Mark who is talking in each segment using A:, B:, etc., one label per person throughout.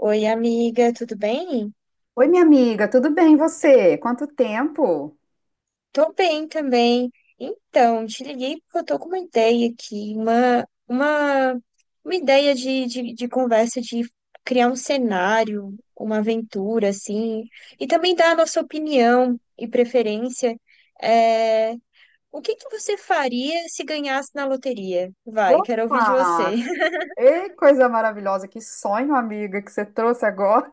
A: Oi, amiga, tudo bem?
B: Oi, minha amiga, tudo bem e você? Quanto tempo?
A: Tô bem também. Então, te liguei porque eu tô com uma ideia aqui, uma ideia de conversa, de criar um cenário, uma aventura, assim, e também dar a nossa opinião e preferência. É, o que que você faria se ganhasse na loteria? Vai, quero ouvir de você.
B: Opa! Ei, coisa maravilhosa, que sonho, amiga, que você trouxe agora.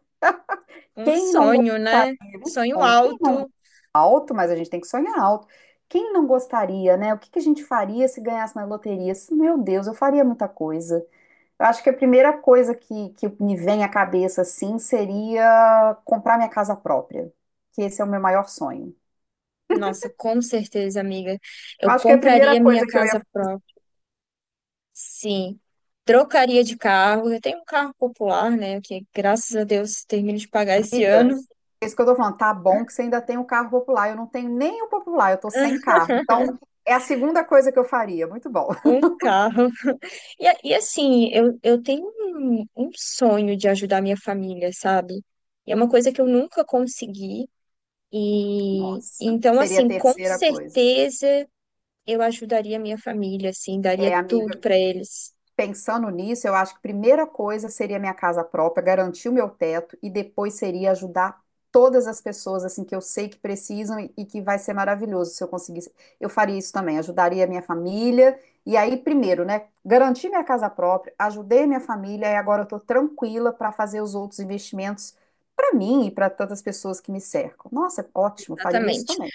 A: Um
B: Quem não
A: sonho, né?
B: gostaria do
A: Sonho
B: sonho? Quem não
A: alto.
B: alto, mas a gente tem que sonhar alto. Quem não gostaria, né? O que que a gente faria se ganhasse na loteria? Meu Deus, eu faria muita coisa. Eu acho que a primeira coisa que me vem à cabeça, assim, seria comprar minha casa própria, que esse é o meu maior sonho.
A: Nossa, com certeza, amiga. Eu
B: Acho que é a primeira
A: compraria minha
B: coisa que eu ia.
A: casa própria. Sim, trocaria de carro. Eu tenho um carro popular, né? Que graças a Deus termino de pagar esse
B: Amiga,
A: ano
B: é isso que eu tô falando. Tá bom que você ainda tem o carro popular. Eu não tenho nem o popular, eu tô sem carro. Então, é a segunda coisa que eu faria. Muito bom.
A: um carro. E, e assim, eu tenho um sonho de ajudar minha família, sabe? E é uma coisa que eu nunca consegui. E
B: Nossa,
A: então,
B: seria a
A: assim, com
B: terceira coisa.
A: certeza eu ajudaria minha família, assim,
B: É,
A: daria tudo
B: amiga,
A: para eles.
B: pensando nisso, eu acho que a primeira coisa seria minha casa própria, garantir o meu teto e depois seria ajudar todas as pessoas assim que eu sei que precisam e que vai ser maravilhoso se eu conseguisse. Eu faria isso também, ajudaria a minha família. E aí, primeiro, né, garantir minha casa própria, ajudei minha família e agora eu tô tranquila para fazer os outros investimentos para mim e para tantas pessoas que me cercam. Nossa, ótimo, faria isso
A: Exatamente.
B: também.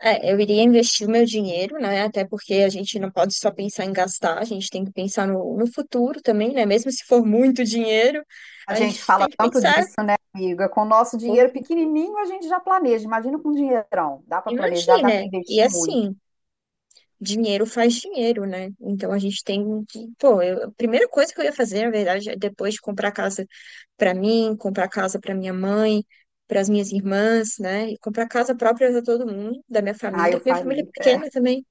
A: É, eu iria investir o meu dinheiro, né? Até porque a gente não pode só pensar em gastar, a gente tem que pensar no futuro também, né? Mesmo se for muito dinheiro,
B: A
A: a
B: gente
A: gente
B: fala
A: tem que
B: tanto
A: pensar,
B: disso, né, amiga? Com o nosso dinheiro
A: porque
B: pequenininho, a gente já planeja. Imagina com um dinheirão. Dá para planejar, dá para
A: imagina, e
B: investir muito.
A: assim, dinheiro faz dinheiro, né? Então a gente tem que, pô, a primeira coisa que eu ia fazer, na verdade, é depois de comprar casa para mim, comprar casa para minha mãe, para as minhas irmãs, né? E comprar casa própria para todo mundo, da minha
B: Ah,
A: família,
B: eu
A: que minha família é
B: faria.
A: pequena também.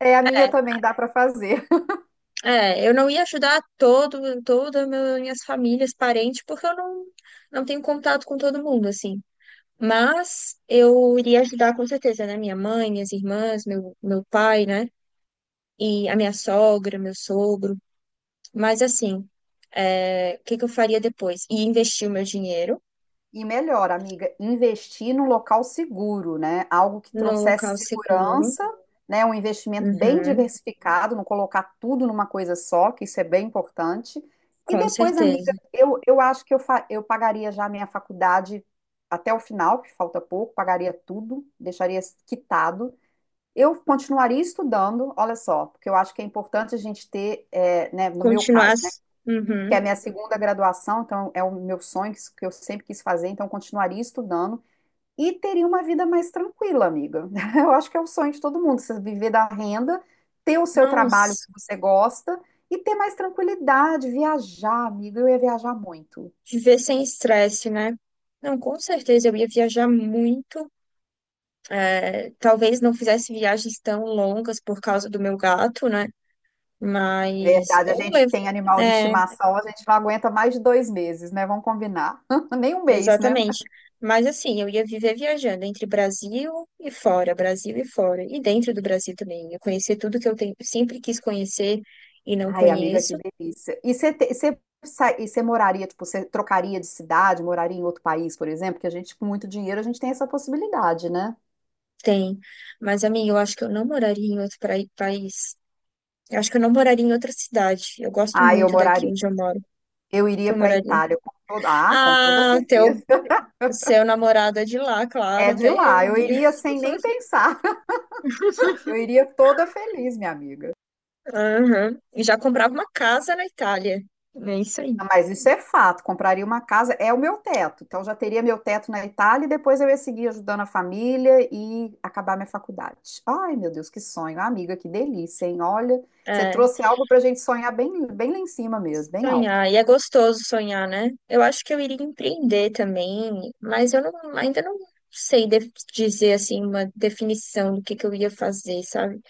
B: É, a minha
A: É,
B: também dá para fazer.
A: Eu não ia ajudar minhas famílias, parentes, porque eu não, não tenho contato com todo mundo, assim. Mas eu iria ajudar com certeza, né? Minha mãe, minhas irmãs, meu pai, né? E a minha sogra, meu sogro. Mas assim, o que que eu faria depois? E investir o meu dinheiro
B: E melhor, amiga, investir num local seguro, né? Algo que
A: num
B: trouxesse
A: local seguro.
B: segurança, né? Um investimento bem
A: Uhum,
B: diversificado, não colocar tudo numa coisa só, que isso é bem importante. E
A: com
B: depois, amiga,
A: certeza.
B: eu acho que eu pagaria já a minha faculdade até o final, que falta pouco, pagaria tudo, deixaria quitado. Eu continuaria estudando, olha só, porque eu acho que é importante a gente ter, é, né, no meu
A: Continuar.
B: caso, que é a
A: Uhum.
B: minha segunda graduação, então é o meu sonho que eu sempre quis fazer, então eu continuaria estudando e teria uma vida mais tranquila, amiga. Eu acho que é o sonho de todo mundo, você viver da renda, ter o seu trabalho
A: Nossa,
B: que você gosta e ter mais tranquilidade, viajar, amiga. Eu ia viajar muito.
A: viver sem estresse, né? Não, com certeza eu ia viajar muito. É, talvez não fizesse viagens tão longas por causa do meu gato, né? Mas.
B: Verdade, a gente que tem animal de
A: É,
B: estimação, a gente não aguenta mais de dois meses, né? Vamos combinar. Nem um mês, né?
A: exatamente. Mas assim, eu ia viver viajando entre Brasil e fora, e dentro do Brasil também. Eu conhecer tudo que eu tenho, sempre quis conhecer e não
B: Ai, amiga, que
A: conheço,
B: delícia. E você moraria, tipo, você trocaria de cidade, moraria em outro país, por exemplo? Que a gente, com muito dinheiro, a gente tem essa possibilidade, né?
A: tem. Mas, amiga, eu acho que eu não moraria em outro país. Eu acho que eu não moraria em outra cidade. Eu gosto
B: Ah, eu
A: muito daqui
B: moraria.
A: onde eu moro.
B: Eu iria
A: Tu
B: para
A: moraria?
B: Itália com toda
A: Ah, teu
B: certeza.
A: Seu namorado é de lá, claro,
B: É de
A: até eu
B: lá. Eu
A: iria.
B: iria sem nem pensar. Eu iria toda feliz, minha amiga.
A: Aham. E já comprava uma casa na Itália. É isso aí.
B: Ah, mas isso é fato. Compraria uma casa, é o meu teto. Então já teria meu teto na Itália e depois eu ia seguir ajudando a família e acabar minha faculdade. Ai, meu Deus, que sonho. Ah, amiga, que delícia, hein? Olha, você
A: É,
B: trouxe algo para a gente sonhar bem, bem lá em cima mesmo, bem alto.
A: sonhar. E é gostoso sonhar, né? Eu acho que eu iria empreender também, mas eu não- ainda não sei dizer assim uma definição do que eu ia fazer, sabe?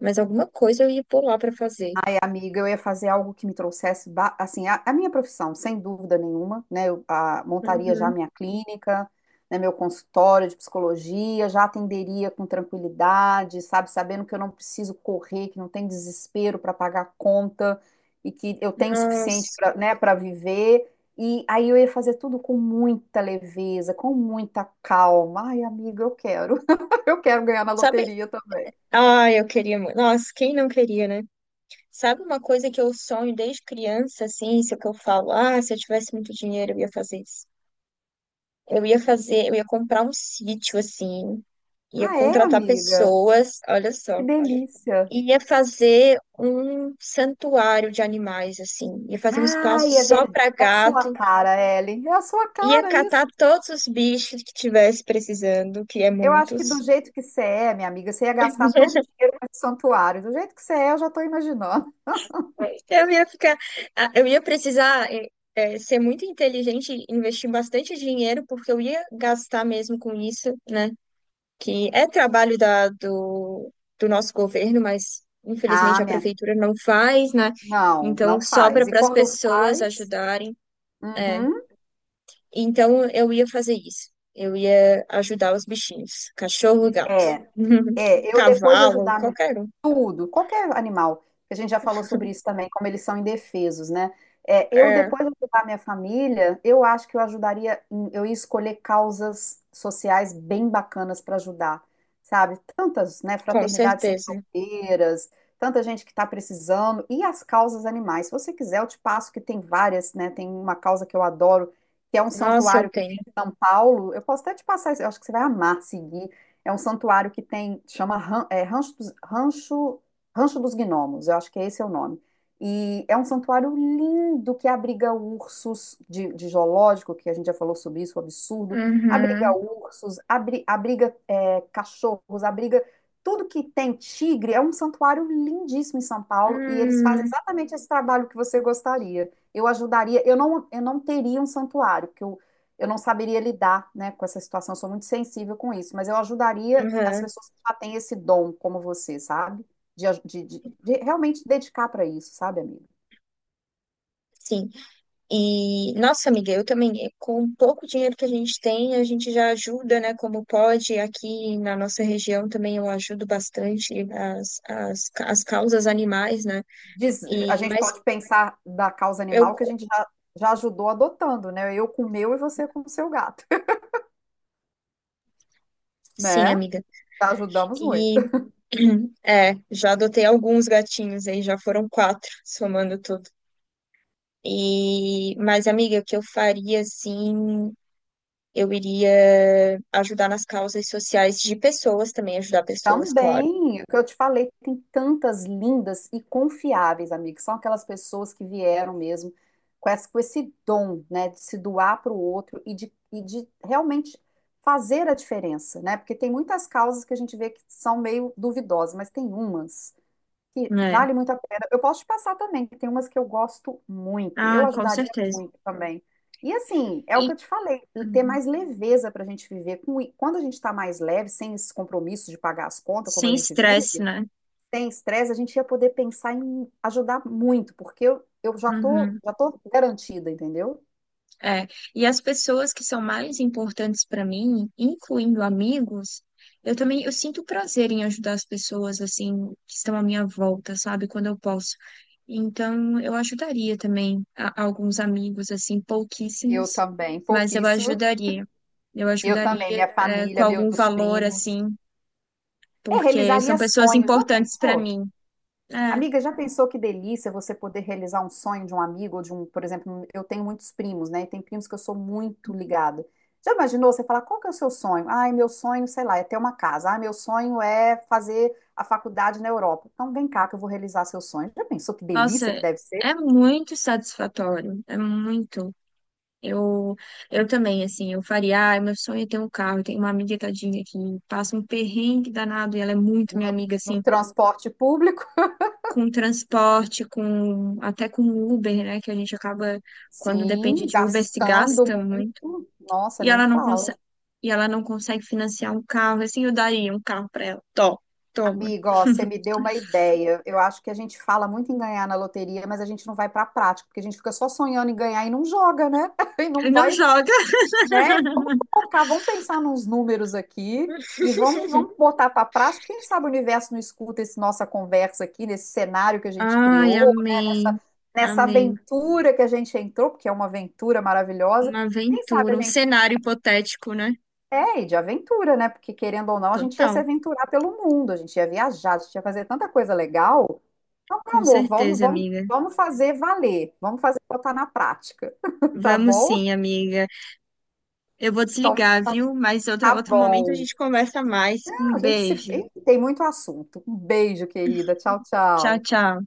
A: Mas alguma coisa eu ia pular para fazer.
B: Amiga, eu ia fazer algo que me assim, a minha profissão, sem dúvida nenhuma, né? Montaria já a
A: Uhum.
B: minha clínica, né, meu consultório de psicologia, já atenderia com tranquilidade, sabe? Sabendo que eu não preciso correr, que não tem desespero para pagar conta e que eu tenho o suficiente
A: Nossa,
B: para, né, para viver. E aí eu ia fazer tudo com muita leveza, com muita calma. Ai, amiga, eu quero. Eu quero ganhar na
A: sabe?
B: loteria também.
A: Ah, eu queria muito. Nossa, quem não queria, né? Sabe uma coisa que eu sonho desde criança, assim, isso que eu falo, ah, se eu tivesse muito dinheiro, eu ia fazer isso. Eu ia fazer, eu ia comprar um sítio, assim, ia
B: Ah, é,
A: contratar
B: amiga?
A: pessoas, olha
B: Que
A: só,
B: delícia.
A: ia fazer um santuário de animais, assim, ia fazer um espaço
B: Ai, é
A: só
B: verdade.
A: para
B: É a
A: gato,
B: sua cara, Ellen. É a sua
A: ia
B: cara isso.
A: catar todos os bichos que tivesse precisando, que é
B: Eu acho que do
A: muitos.
B: jeito que você é, minha amiga, você ia gastar todo o dinheiro no santuário. Do jeito que você é, eu já estou imaginando.
A: Eu ia ficar, ah, eu ia precisar ser muito inteligente, e investir bastante dinheiro, porque eu ia gastar mesmo com isso, né? Que é trabalho do nosso governo, mas infelizmente
B: Ah,
A: a
B: minha.
A: prefeitura não faz, né?
B: Não,
A: Então
B: não
A: sobra
B: faz. E
A: para as
B: quando
A: pessoas
B: faz,
A: ajudarem. É.
B: uhum,
A: Então eu ia fazer isso. Eu ia ajudar os bichinhos, cachorro, gato,
B: é, eu depois de
A: cavalo,
B: ajudar
A: qualquer um.
B: tudo, qualquer animal, que a gente já falou sobre isso também, como eles são indefesos, né? É, eu,
A: É,
B: depois de ajudar minha família, eu acho que eu ajudaria, eu ia escolher causas sociais bem bacanas para ajudar, sabe? Tantas, né?
A: com
B: Fraternidades sem
A: certeza.
B: fronteiras, tanta gente que está precisando, e as causas animais. Se você quiser, eu te passo que tem várias, né? Tem uma causa que eu adoro, que é um
A: Nossa, eu
B: santuário que
A: tenho.
B: tem em São Paulo. Eu posso até te passar, isso, eu acho que você vai amar seguir. É um santuário que tem, chama Rancho dos Gnomos, eu acho que esse é o nome. E é um santuário lindo que abriga ursos de zoológico, que a gente já falou sobre isso, o absurdo. Abriga
A: Uhum.
B: ursos, abriga é, cachorros, abriga tudo que tem tigre. É um santuário lindíssimo em São Paulo e eles fazem
A: Hum,
B: exatamente esse trabalho que você gostaria. Eu ajudaria, eu não teria um santuário, porque eu não saberia lidar, né, com essa situação, eu sou muito sensível com isso, mas eu ajudaria as
A: aham,
B: pessoas que já têm esse dom, como você, sabe? De realmente dedicar para isso, sabe, amigo?
A: sim. E, nossa, amiga, eu também, com o pouco dinheiro que a gente tem, a gente já ajuda, né, como pode. Aqui na nossa região também eu ajudo bastante as causas animais, né?
B: Diz- a
A: E,
B: gente
A: mas
B: pode pensar da causa
A: eu,
B: animal que
A: co-
B: já ajudou adotando, né? Eu com o meu e você com o seu gato,
A: sim,
B: né?
A: amiga.
B: Já ajudamos muito.
A: E, é, já adotei alguns gatinhos aí, já foram quatro, somando tudo. E, mas, amiga, o que eu faria, assim. Eu iria ajudar nas causas sociais de pessoas também, ajudar pessoas, claro.
B: Também, o que eu te falei, tem tantas lindas e confiáveis, amiga, que são aquelas pessoas que vieram mesmo com esse dom, né, de se doar para o outro e de realmente fazer a diferença, né? Porque tem muitas causas que a gente vê que são meio duvidosas, mas tem umas que
A: É.
B: vale muito a pena. Eu posso te passar também, que tem umas que eu gosto muito. Eu
A: Ah, com
B: ajudaria
A: certeza.
B: muito também. E assim, é
A: E
B: o que eu te falei, ter
A: uhum.
B: mais leveza para a gente viver. Quando a gente está mais leve, sem esse compromisso de pagar as contas, como a
A: Sem
B: gente
A: estresse,
B: vive,
A: né?
B: sem estresse, a gente ia poder pensar em ajudar muito, porque eu
A: Uhum.
B: já tô garantida, entendeu?
A: É, e as pessoas que são mais importantes para mim, incluindo amigos, eu também eu sinto prazer em ajudar as pessoas assim que estão à minha volta, sabe, quando eu posso. Então, eu ajudaria também alguns amigos assim,
B: Eu
A: pouquíssimos,
B: também,
A: mas eu
B: pouquíssimo.
A: ajudaria. Eu
B: Eu também,
A: ajudaria
B: minha
A: é, com
B: família,
A: algum
B: meus
A: valor
B: primos.
A: assim,
B: É,
A: porque são
B: realizaria
A: pessoas
B: sonhos, já
A: importantes para
B: pensou?
A: mim. É,
B: Amiga, já pensou que delícia você poder realizar um sonho de um amigo ou de um, por exemplo, um, eu tenho muitos primos, né? E tem primos que eu sou muito ligada. Já imaginou você falar, qual que é o seu sonho? Ai, meu sonho, sei lá, é ter uma casa. Ah, meu sonho é fazer a faculdade na Europa. Então vem cá que eu vou realizar seu sonho. Já pensou que delícia que
A: nossa,
B: deve ser
A: é muito satisfatório, é muito. Eu, eu também, assim, eu faria, ah, meu sonho é ter um carro. Eu tenho uma amiga tadinha que passa um perrengue danado e ela é muito minha
B: no,
A: amiga, assim,
B: no transporte público?
A: com transporte, com até com Uber, né? Que a gente acaba, quando depende
B: Sim,
A: de Uber, se
B: gastando
A: gasta mu-
B: muito. Nossa,
A: e
B: nem
A: ela não
B: fala.
A: consegue, e ela não consegue financiar um carro. Assim, eu daria um carro pra ela. Tó, toma.
B: Amigo, ó, você me deu uma ideia. Eu acho que a gente fala muito em ganhar na loteria, mas a gente não vai para a prática, porque a gente fica só sonhando em ganhar e não joga, né? E não
A: Ele não
B: vai,
A: joga.
B: né? Vamos colocar, vamos pensar nos números aqui e vamos, vamos botar para a prática. Quem sabe o universo não escuta essa nossa conversa aqui, nesse cenário que a gente
A: Ai,
B: criou, né?
A: amém.
B: Nessa
A: Amém.
B: aventura que a gente entrou, porque é uma aventura maravilhosa.
A: Uma
B: Quem sabe
A: aventura,
B: a
A: um
B: gente
A: cenário hipotético, né?
B: é, e de aventura, né? Porque querendo ou não, a gente ia se
A: Total,
B: aventurar pelo mundo, a gente ia viajar, a gente ia fazer tanta coisa legal. Então, meu
A: com
B: amor, vamos,
A: certeza,
B: vamos,
A: amiga.
B: vamos fazer valer, vamos fazer botar na prática, tá
A: Vamos
B: bom?
A: sim, amiga. Eu vou
B: Então,
A: desligar, viu? Mas outro,
B: tá
A: outro momento a
B: bom.
A: gente conversa mais. Um
B: A gente se...
A: beijo.
B: Ih, tem muito assunto. Um beijo, querida. Tchau,
A: Tchau,
B: tchau.
A: tchau.